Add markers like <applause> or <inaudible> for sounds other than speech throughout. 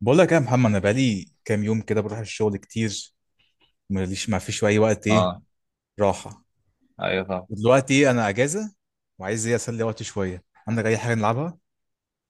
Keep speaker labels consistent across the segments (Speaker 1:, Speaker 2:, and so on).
Speaker 1: بقول لك إيه يا محمد، انا بقالي كام يوم كده بروح الشغل كتير. ماليش، ما فيش اي وقت ايه
Speaker 2: اه،
Speaker 1: راحه.
Speaker 2: ايوه طبعا.
Speaker 1: ودلوقتي انا اجازه وعايز ايه، اسلي وقتي شويه. عندك اي حاجه نلعبها؟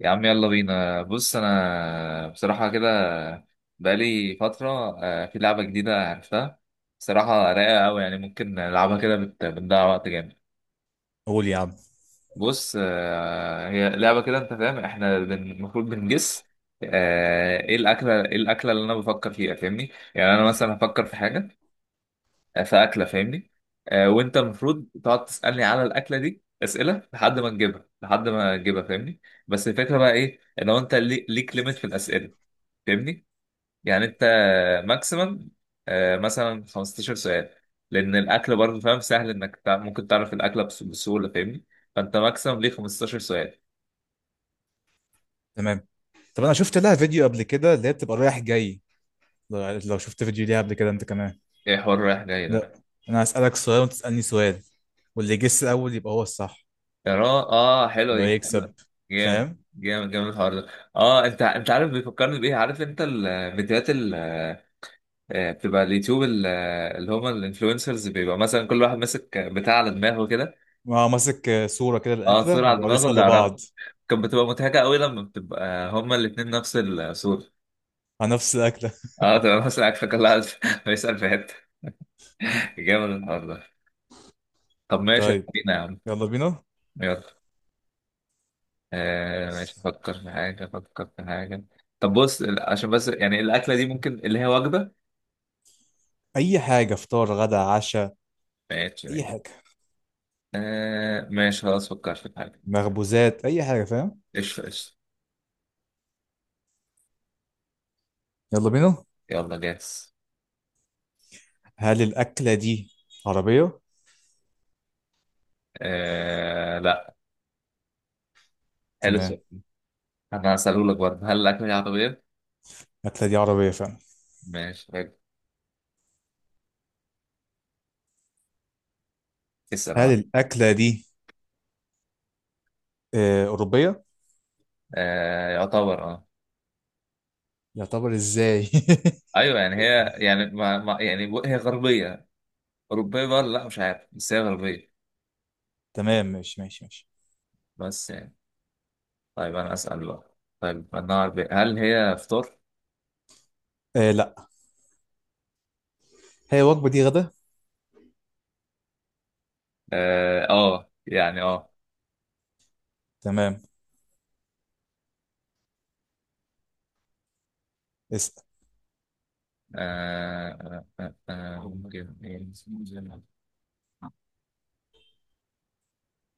Speaker 2: يا عم يلا بينا. بص انا بصراحه كده بقالي فتره. في لعبه جديده عرفتها، بصراحه رايقه قوي. يعني ممكن نلعبها كده، بنضيع وقت جامد.
Speaker 1: قول يا عم.
Speaker 2: بص، هي لعبه كده، انت فاهم، احنا المفروض بنجس. ايه الاكله اللي انا بفكر فيها، فاهمني؟ يعني انا مثلا هفكر في حاجه، في اكله، فاهمني. وانت المفروض تقعد تسالني على الاكله دي اسئله، لحد ما نجيبها لحد ما نجيبها، فاهمني. بس الفكره بقى ايه؟ ان هو انت، ليك ليميت في الاسئله، فاهمني. يعني انت ماكسيمم مثلا 15 سؤال، لان الاكل برضه فاهم سهل انك ممكن تعرف الاكله بسهوله، فاهمني. فانت ماكسيمم ليه 15 سؤال.
Speaker 1: تمام، طب انا شفت لها فيديو قبل كده، اللي هي بتبقى رايح جاي. لو شفت فيديو ليها قبل كده انت كمان.
Speaker 2: ايه حوار رايح جاي ده؟
Speaker 1: لا، انا هسالك سؤال وانت تسالني سؤال، واللي يجس الاول يبقى هو الصح،
Speaker 2: اه اه، حلو
Speaker 1: اللي هو
Speaker 2: دي.
Speaker 1: يكسب.
Speaker 2: جامد
Speaker 1: فاهم؟
Speaker 2: جامد جامد الحوار ده. اه، انت عارف بيفكرني بايه؟ عارف انت الفيديوهات، بتبقى اليوتيوب، اللي هما الانفلونسرز، بيبقى مثلا كل واحد ماسك بتاع على دماغه كده.
Speaker 1: ما ماسك صوره كده
Speaker 2: اه، صورة
Speaker 1: الاكله
Speaker 2: على
Speaker 1: وبيقعدوا
Speaker 2: دماغه اللي
Speaker 1: يسالوا
Speaker 2: يعرفها.
Speaker 1: بعض
Speaker 2: كانت بتبقى مضحكة قوي لما بتبقى هما الاتنين نفس الصورة.
Speaker 1: عن نفس الاكله.
Speaker 2: اه، تبقى مثلا عارفة كل واحد <laughs> بيسأل في حتة. جامد الحوار ده. طب
Speaker 1: <laughs>
Speaker 2: ماشي
Speaker 1: طيب،
Speaker 2: خلينا يا عم.
Speaker 1: يلا بينا.
Speaker 2: يلا. ماشي، افكر في حاجة افكر في حاجة. طب بص، عشان بس يعني الأكلة دي ممكن اللي هي وجبة.
Speaker 1: اي حاجه، فطار غدا عشاء،
Speaker 2: ماشي
Speaker 1: اي
Speaker 2: ماشي.
Speaker 1: حاجه،
Speaker 2: ماشي خلاص فكرت في حاجة.
Speaker 1: مخبوزات اي حاجه، فاهم؟
Speaker 2: قشطة قشطة.
Speaker 1: يلا بينا.
Speaker 2: يلا جاهز.
Speaker 1: هل الاكله دي عربيه؟
Speaker 2: لا. حلو
Speaker 1: تمام،
Speaker 2: السؤال. انا هسألهولك برضه، هل الاكله دي عربيه؟
Speaker 1: الاكله دي عربيه فعلا.
Speaker 2: ماشي حلو. اسال
Speaker 1: هل
Speaker 2: انا.
Speaker 1: الاكله دي اوروبيه؟
Speaker 2: يعتبر اه.
Speaker 1: يعتبر ازاي؟
Speaker 2: ايوه، يعني
Speaker 1: <laughs>
Speaker 2: هي، يعني ما يعني هي غربيه، اوروبيه بقى ولا لا، مش عارف، بس هي غربيه.
Speaker 1: تمام، ماشي ماشي ماشي.
Speaker 2: بس يعني. طيب انا اسال بقى. طيب انا غربيه، هل هي فطار؟
Speaker 1: آه لا، هي الوجبه دي غدا.
Speaker 2: اه. يعني اه.
Speaker 1: تمام، اسال.
Speaker 2: ممكن إيه؟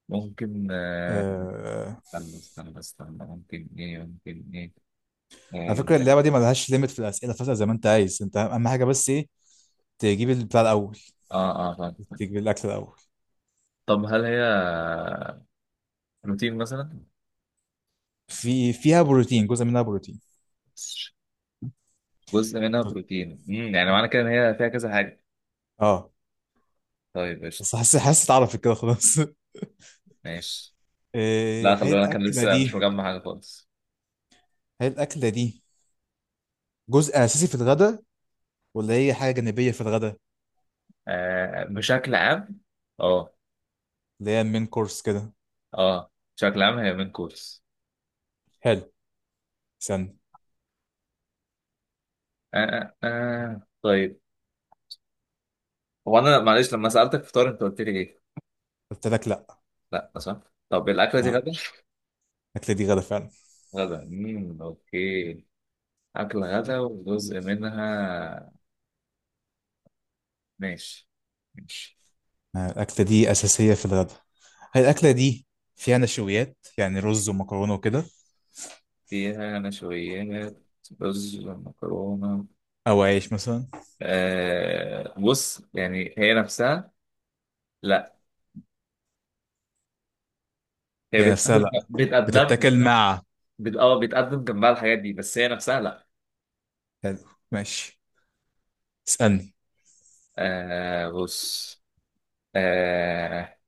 Speaker 2: ممكن
Speaker 1: آه،
Speaker 2: استنى استنى استنى، ممكن ايه ممكن ايه،
Speaker 1: على
Speaker 2: آه،
Speaker 1: فكره
Speaker 2: عندك-
Speaker 1: اللعبه دي ما لهاش ليميت في الاسئله، فاسال زي ما انت عايز، انت اهم حاجه بس ايه؟ تجيب البتاع الاول،
Speaker 2: اه اه، فاهم.
Speaker 1: تجيب الاكل الاول.
Speaker 2: طب هل هي بروتين مثلا؟
Speaker 1: في، فيها بروتين، جزء منها بروتين.
Speaker 2: جزء منها
Speaker 1: طب-
Speaker 2: بروتين. يعني معنى كده ان هي فيها كذا حاجه.
Speaker 1: اه،
Speaker 2: طيب قشطه.
Speaker 1: بس حاسس حاسس اتعرفت كده خلاص. <laughs>
Speaker 2: ماشي. لا، خلي
Speaker 1: هي
Speaker 2: بالك، انا
Speaker 1: الأكلة
Speaker 2: لسه مش
Speaker 1: دي،
Speaker 2: مجمع حاجه خالص.
Speaker 1: هي الأكلة دي جزء أساسي في الغداء ولا هي حاجة جانبية في الغداء؟
Speaker 2: بشكل عام. اه.
Speaker 1: اللي هي المين كورس كده.
Speaker 2: اه بشكل عام هي من كورس.
Speaker 1: حلو، استنى.
Speaker 2: آه. آه آه. طيب، هو انا معلش، لما سالتك فطار انت قلت لي ايه؟
Speaker 1: قلت لك لأ.
Speaker 2: لا، صح. طب الاكله دي
Speaker 1: اه،
Speaker 2: غدا؟
Speaker 1: الأكلة دي غدا فعلا.
Speaker 2: غدا، اوكي. اكله غدا وجزء منها. ماشي. ماشي.
Speaker 1: الأكلة دي أساسية في الغداء. هي الأكلة دي فيها نشويات يعني رز ومكرونة وكده،
Speaker 2: فيها نشويات، رز، مكرونه.
Speaker 1: أو عيش مثلا؟
Speaker 2: بص يعني هي نفسها، لا. هي
Speaker 1: هي نفسها
Speaker 2: بتقدم
Speaker 1: لأ،
Speaker 2: بتقدم،
Speaker 1: بتتاكل مع.
Speaker 2: بت... اه بتقدم جنبها الحاجات دي، بس هي نفسها لا.
Speaker 1: حلو، ماشي، اسألني.
Speaker 2: بص. آه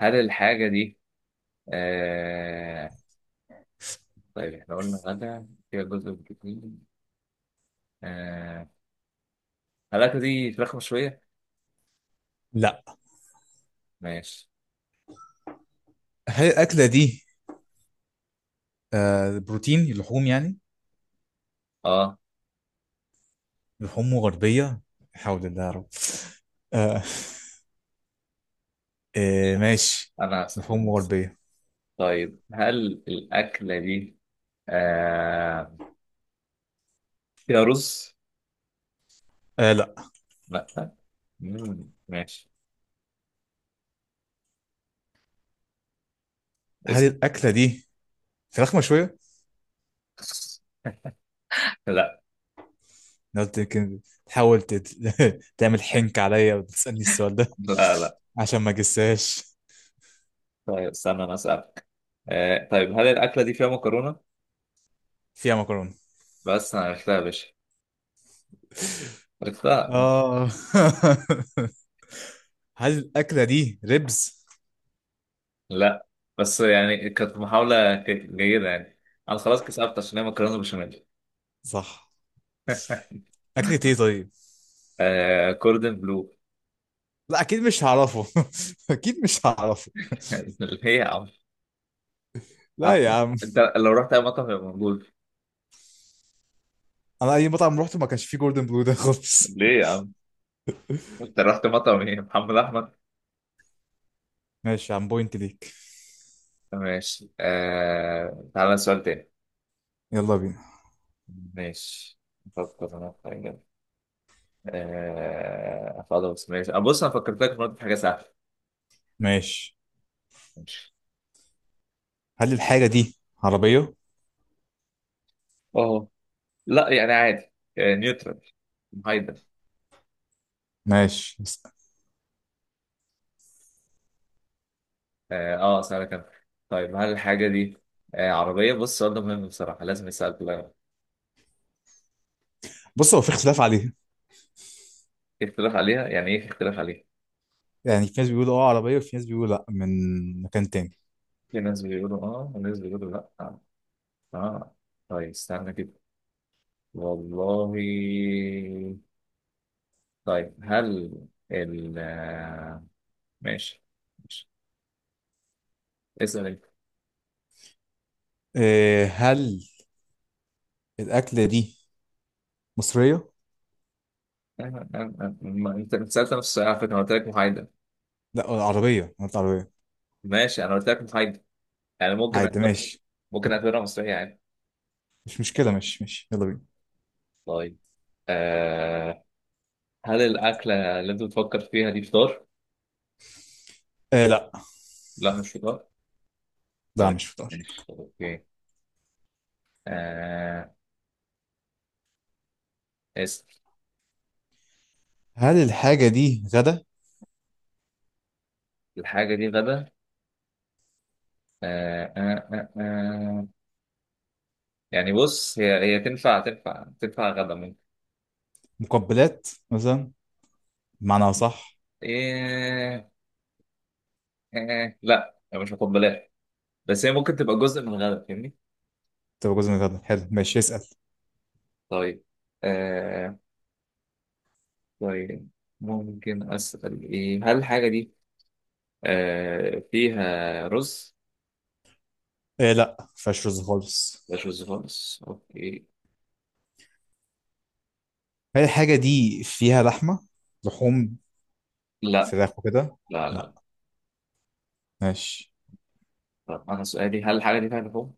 Speaker 2: هل الحاجة دي، آه طيب احنا قلنا غدا فيها جزء بروتين، آه هل الأكلة دي فراخ مشوية؟
Speaker 1: لأ.
Speaker 2: ماشي.
Speaker 1: هي الأكلة دي آه بروتين لحوم يعني،
Speaker 2: اه،
Speaker 1: لحوم غربية. حول الله يا رب. آه. آه ماشي،
Speaker 2: أنا
Speaker 1: لحوم
Speaker 2: هسأل.
Speaker 1: غربية.
Speaker 2: طيب هل الأكلة دي آه فيها رز؟
Speaker 1: آه لا.
Speaker 2: لا. مم. ماشي.
Speaker 1: هل
Speaker 2: اسم.
Speaker 1: الأكلة دي فراخ مشوية؟
Speaker 2: لا
Speaker 1: أنا قلت يمكن تحاول تت... <laughs> تعمل حنك عليا وتسألني السؤال ده.
Speaker 2: لا لا.
Speaker 1: <laughs> عشان ما جساش.
Speaker 2: طيب استنى، انا اسالك. طيب هل الاكله دي فيها مكرونه؟
Speaker 1: فيها مكرونة.
Speaker 2: بس انا عرفتها يا باشا، عرفتها.
Speaker 1: آه. <laughs> هل الأكلة دي ريبز؟
Speaker 2: لا، بس يعني كانت محاوله جيده يعني. انا خلاص كسبت، عشان هي مكرونه بشاميل.
Speaker 1: صح.
Speaker 2: <laughs>
Speaker 1: أكلة إيه طيب؟
Speaker 2: كوردن بلو.
Speaker 1: لا أكيد مش هعرفه. <laughs> أكيد مش هعرفه.
Speaker 2: <laughs> ليه يا عم؟
Speaker 1: لا
Speaker 2: عم-
Speaker 1: يا عم،
Speaker 2: انت لو رحت اي مطعم يبقى موجود.
Speaker 1: أنا أي مطعم روحته ما كانش فيه جوردن بلو ده <laughs> خالص.
Speaker 2: ليه يا عم؟ انت رحت مطعم ايه، محمد احمد؟
Speaker 1: ماشي يا عم، بوينت ليك.
Speaker 2: ماشي. تعالى سؤال تاني.
Speaker 1: يلا بينا.
Speaker 2: ماشي، افكر انا في حاجه. خلاص ماشي، بص انا فكرت لك في مرة في حاجه سهله.
Speaker 1: ماشي.
Speaker 2: ماشي.
Speaker 1: هل الحاجة دي عربية؟
Speaker 2: اه، لا يعني عادي، نيوترال، محايدة.
Speaker 1: ماشي،
Speaker 2: اه، اسألك انا. طيب هل الحاجة دي عربية؟ بص السؤال ده مهم بصراحة، لازم يسأل كلها.
Speaker 1: بص هو في اختلاف عليها.
Speaker 2: في اختلاف عليها. يعني ايه في اختلاف عليها؟
Speaker 1: يعني في ناس بيقولوا اه عربية، وفي ناس بيقولوا لا، من مكان تاني.
Speaker 2: في ناس بيقولوا اه وناس بيقولوا لا. اه. آه. طيب استنى كده. والله. طيب هل ال آه، ماشي ماشي. اسأل انت.
Speaker 1: إيه، هل الأكلة دي مصرية؟
Speaker 2: ما انت سألت نفس السؤال على فكرة، انا قلت لك محايدة.
Speaker 1: لا عربية، أنا قلت عربية.
Speaker 2: ماشي، انا قلت لك محايدة. يعني ممكن
Speaker 1: عادي ماشي،
Speaker 2: ممكن اعتبرها مسرحية عادي.
Speaker 1: مش مشكلة، ماشي ماشي، يلا بينا.
Speaker 2: طيب، آه هل الأكلة اللي أنت بتفكر فيها دي فطار؟
Speaker 1: إيه لا.
Speaker 2: لا، مش فطار.
Speaker 1: لا
Speaker 2: طيب
Speaker 1: مش فطار.
Speaker 2: ماشي أوكي. آه اسم
Speaker 1: هل الحاجة دي غدا،
Speaker 2: الحاجة دي غدا. آه آه آه آه. يعني بص هي تنفع تنفع تنفع غدا ممكن.
Speaker 1: مقبلات مثلا، بمعنى صح؟
Speaker 2: إيه إيه إيه. لا هي مش هاخد بلاش، بس هي ممكن تبقى جزء من الغدا، فاهمني؟
Speaker 1: تبقى جزء من الغدا، حلو ماشي، اسأل.
Speaker 2: طيب. آه طيب ممكن أسأل، إيه هل الحاجة دي فيها رز؟
Speaker 1: إيه لا، مفيهاش رز خالص.
Speaker 2: مش رز خالص، أوكي.
Speaker 1: هل الحاجة دي فيها لحمة، لحوم،
Speaker 2: لا
Speaker 1: فراخ وكده؟
Speaker 2: لا
Speaker 1: لا،
Speaker 2: لا.
Speaker 1: ماشي.
Speaker 2: طب انا سؤالي، هل الحاجه دي فيها لحوم؟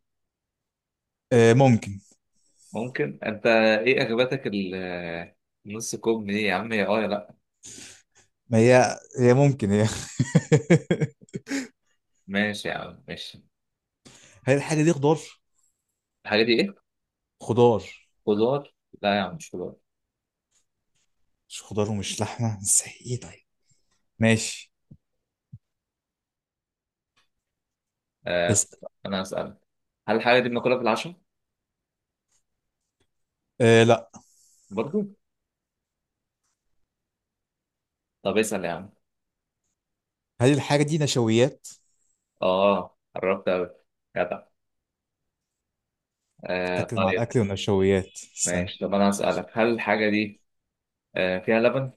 Speaker 1: إيه، ممكن.
Speaker 2: ممكن. انت ايه اغبتك نص كوب دي يا عم، يا يا لا.
Speaker 1: ما هي هي ممكن هي. <laughs>
Speaker 2: ماشي يا عم ماشي.
Speaker 1: هل الحاجة دي خضار؟
Speaker 2: الحاجه دي ايه؟
Speaker 1: خضار.
Speaker 2: خضار. لا يا عم، مش خضار.
Speaker 1: مش خضار ومش لحمة، ازاي ايه طيب؟ ماشي،
Speaker 2: آه.
Speaker 1: اسأل.
Speaker 2: انا هسألك، هل الحاجه دي بناكلها في العشاء؟
Speaker 1: آه لا.
Speaker 2: برضو. طب اسأل يا عم.
Speaker 1: هل الحاجة دي نشويات؟
Speaker 2: اه، قربت قوي، جدع.
Speaker 1: بتاكل مع
Speaker 2: طيب
Speaker 1: الأكل والنشويات.
Speaker 2: ماشي.
Speaker 1: استنى.
Speaker 2: طب انا هسألك، هل الحاجه دي فيها لبن؟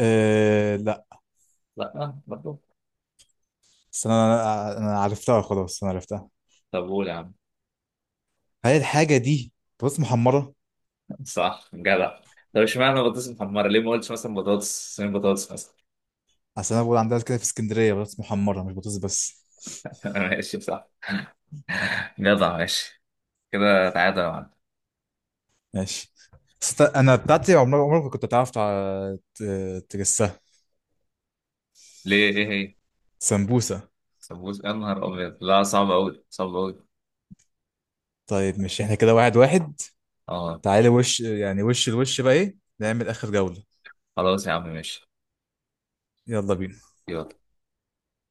Speaker 1: آه لا.
Speaker 2: لا برضو.
Speaker 1: استنى، أنا عرفتها خلاص، أنا عرفتها.
Speaker 2: طب قول يا عم.
Speaker 1: هل الحاجة دي بطاطس محمرة؟
Speaker 2: <laughs> صح جدع. طب اشمعنى بطاطس محمره؟ ليه ما قلتش مثلا بطاطس صينية، بطاطس مثلا؟
Speaker 1: أصل أنا بقول عندنا كده في اسكندرية بطاطس محمرة، مش بطاطس بس.
Speaker 2: <laughs> ماشي صح. جدع ماشي. كده تعادل يا معلم.
Speaker 1: <laughs> ماشي. أنا بتاعتي عمرك عمرك ما كنت تعرف تجسها.
Speaker 2: ليه ايه هي؟
Speaker 1: سمبوسة.
Speaker 2: سمبوس، يا نهار ابيض، لا صعب قوي صعب قوي.
Speaker 1: طيب مش احنا كده واحد واحد،
Speaker 2: اه.
Speaker 1: تعالي وش، يعني وش الوش بقى ايه، نعمل اخر جولة.
Speaker 2: خلاص يا عم ماشي.
Speaker 1: يلا بينا.
Speaker 2: يلا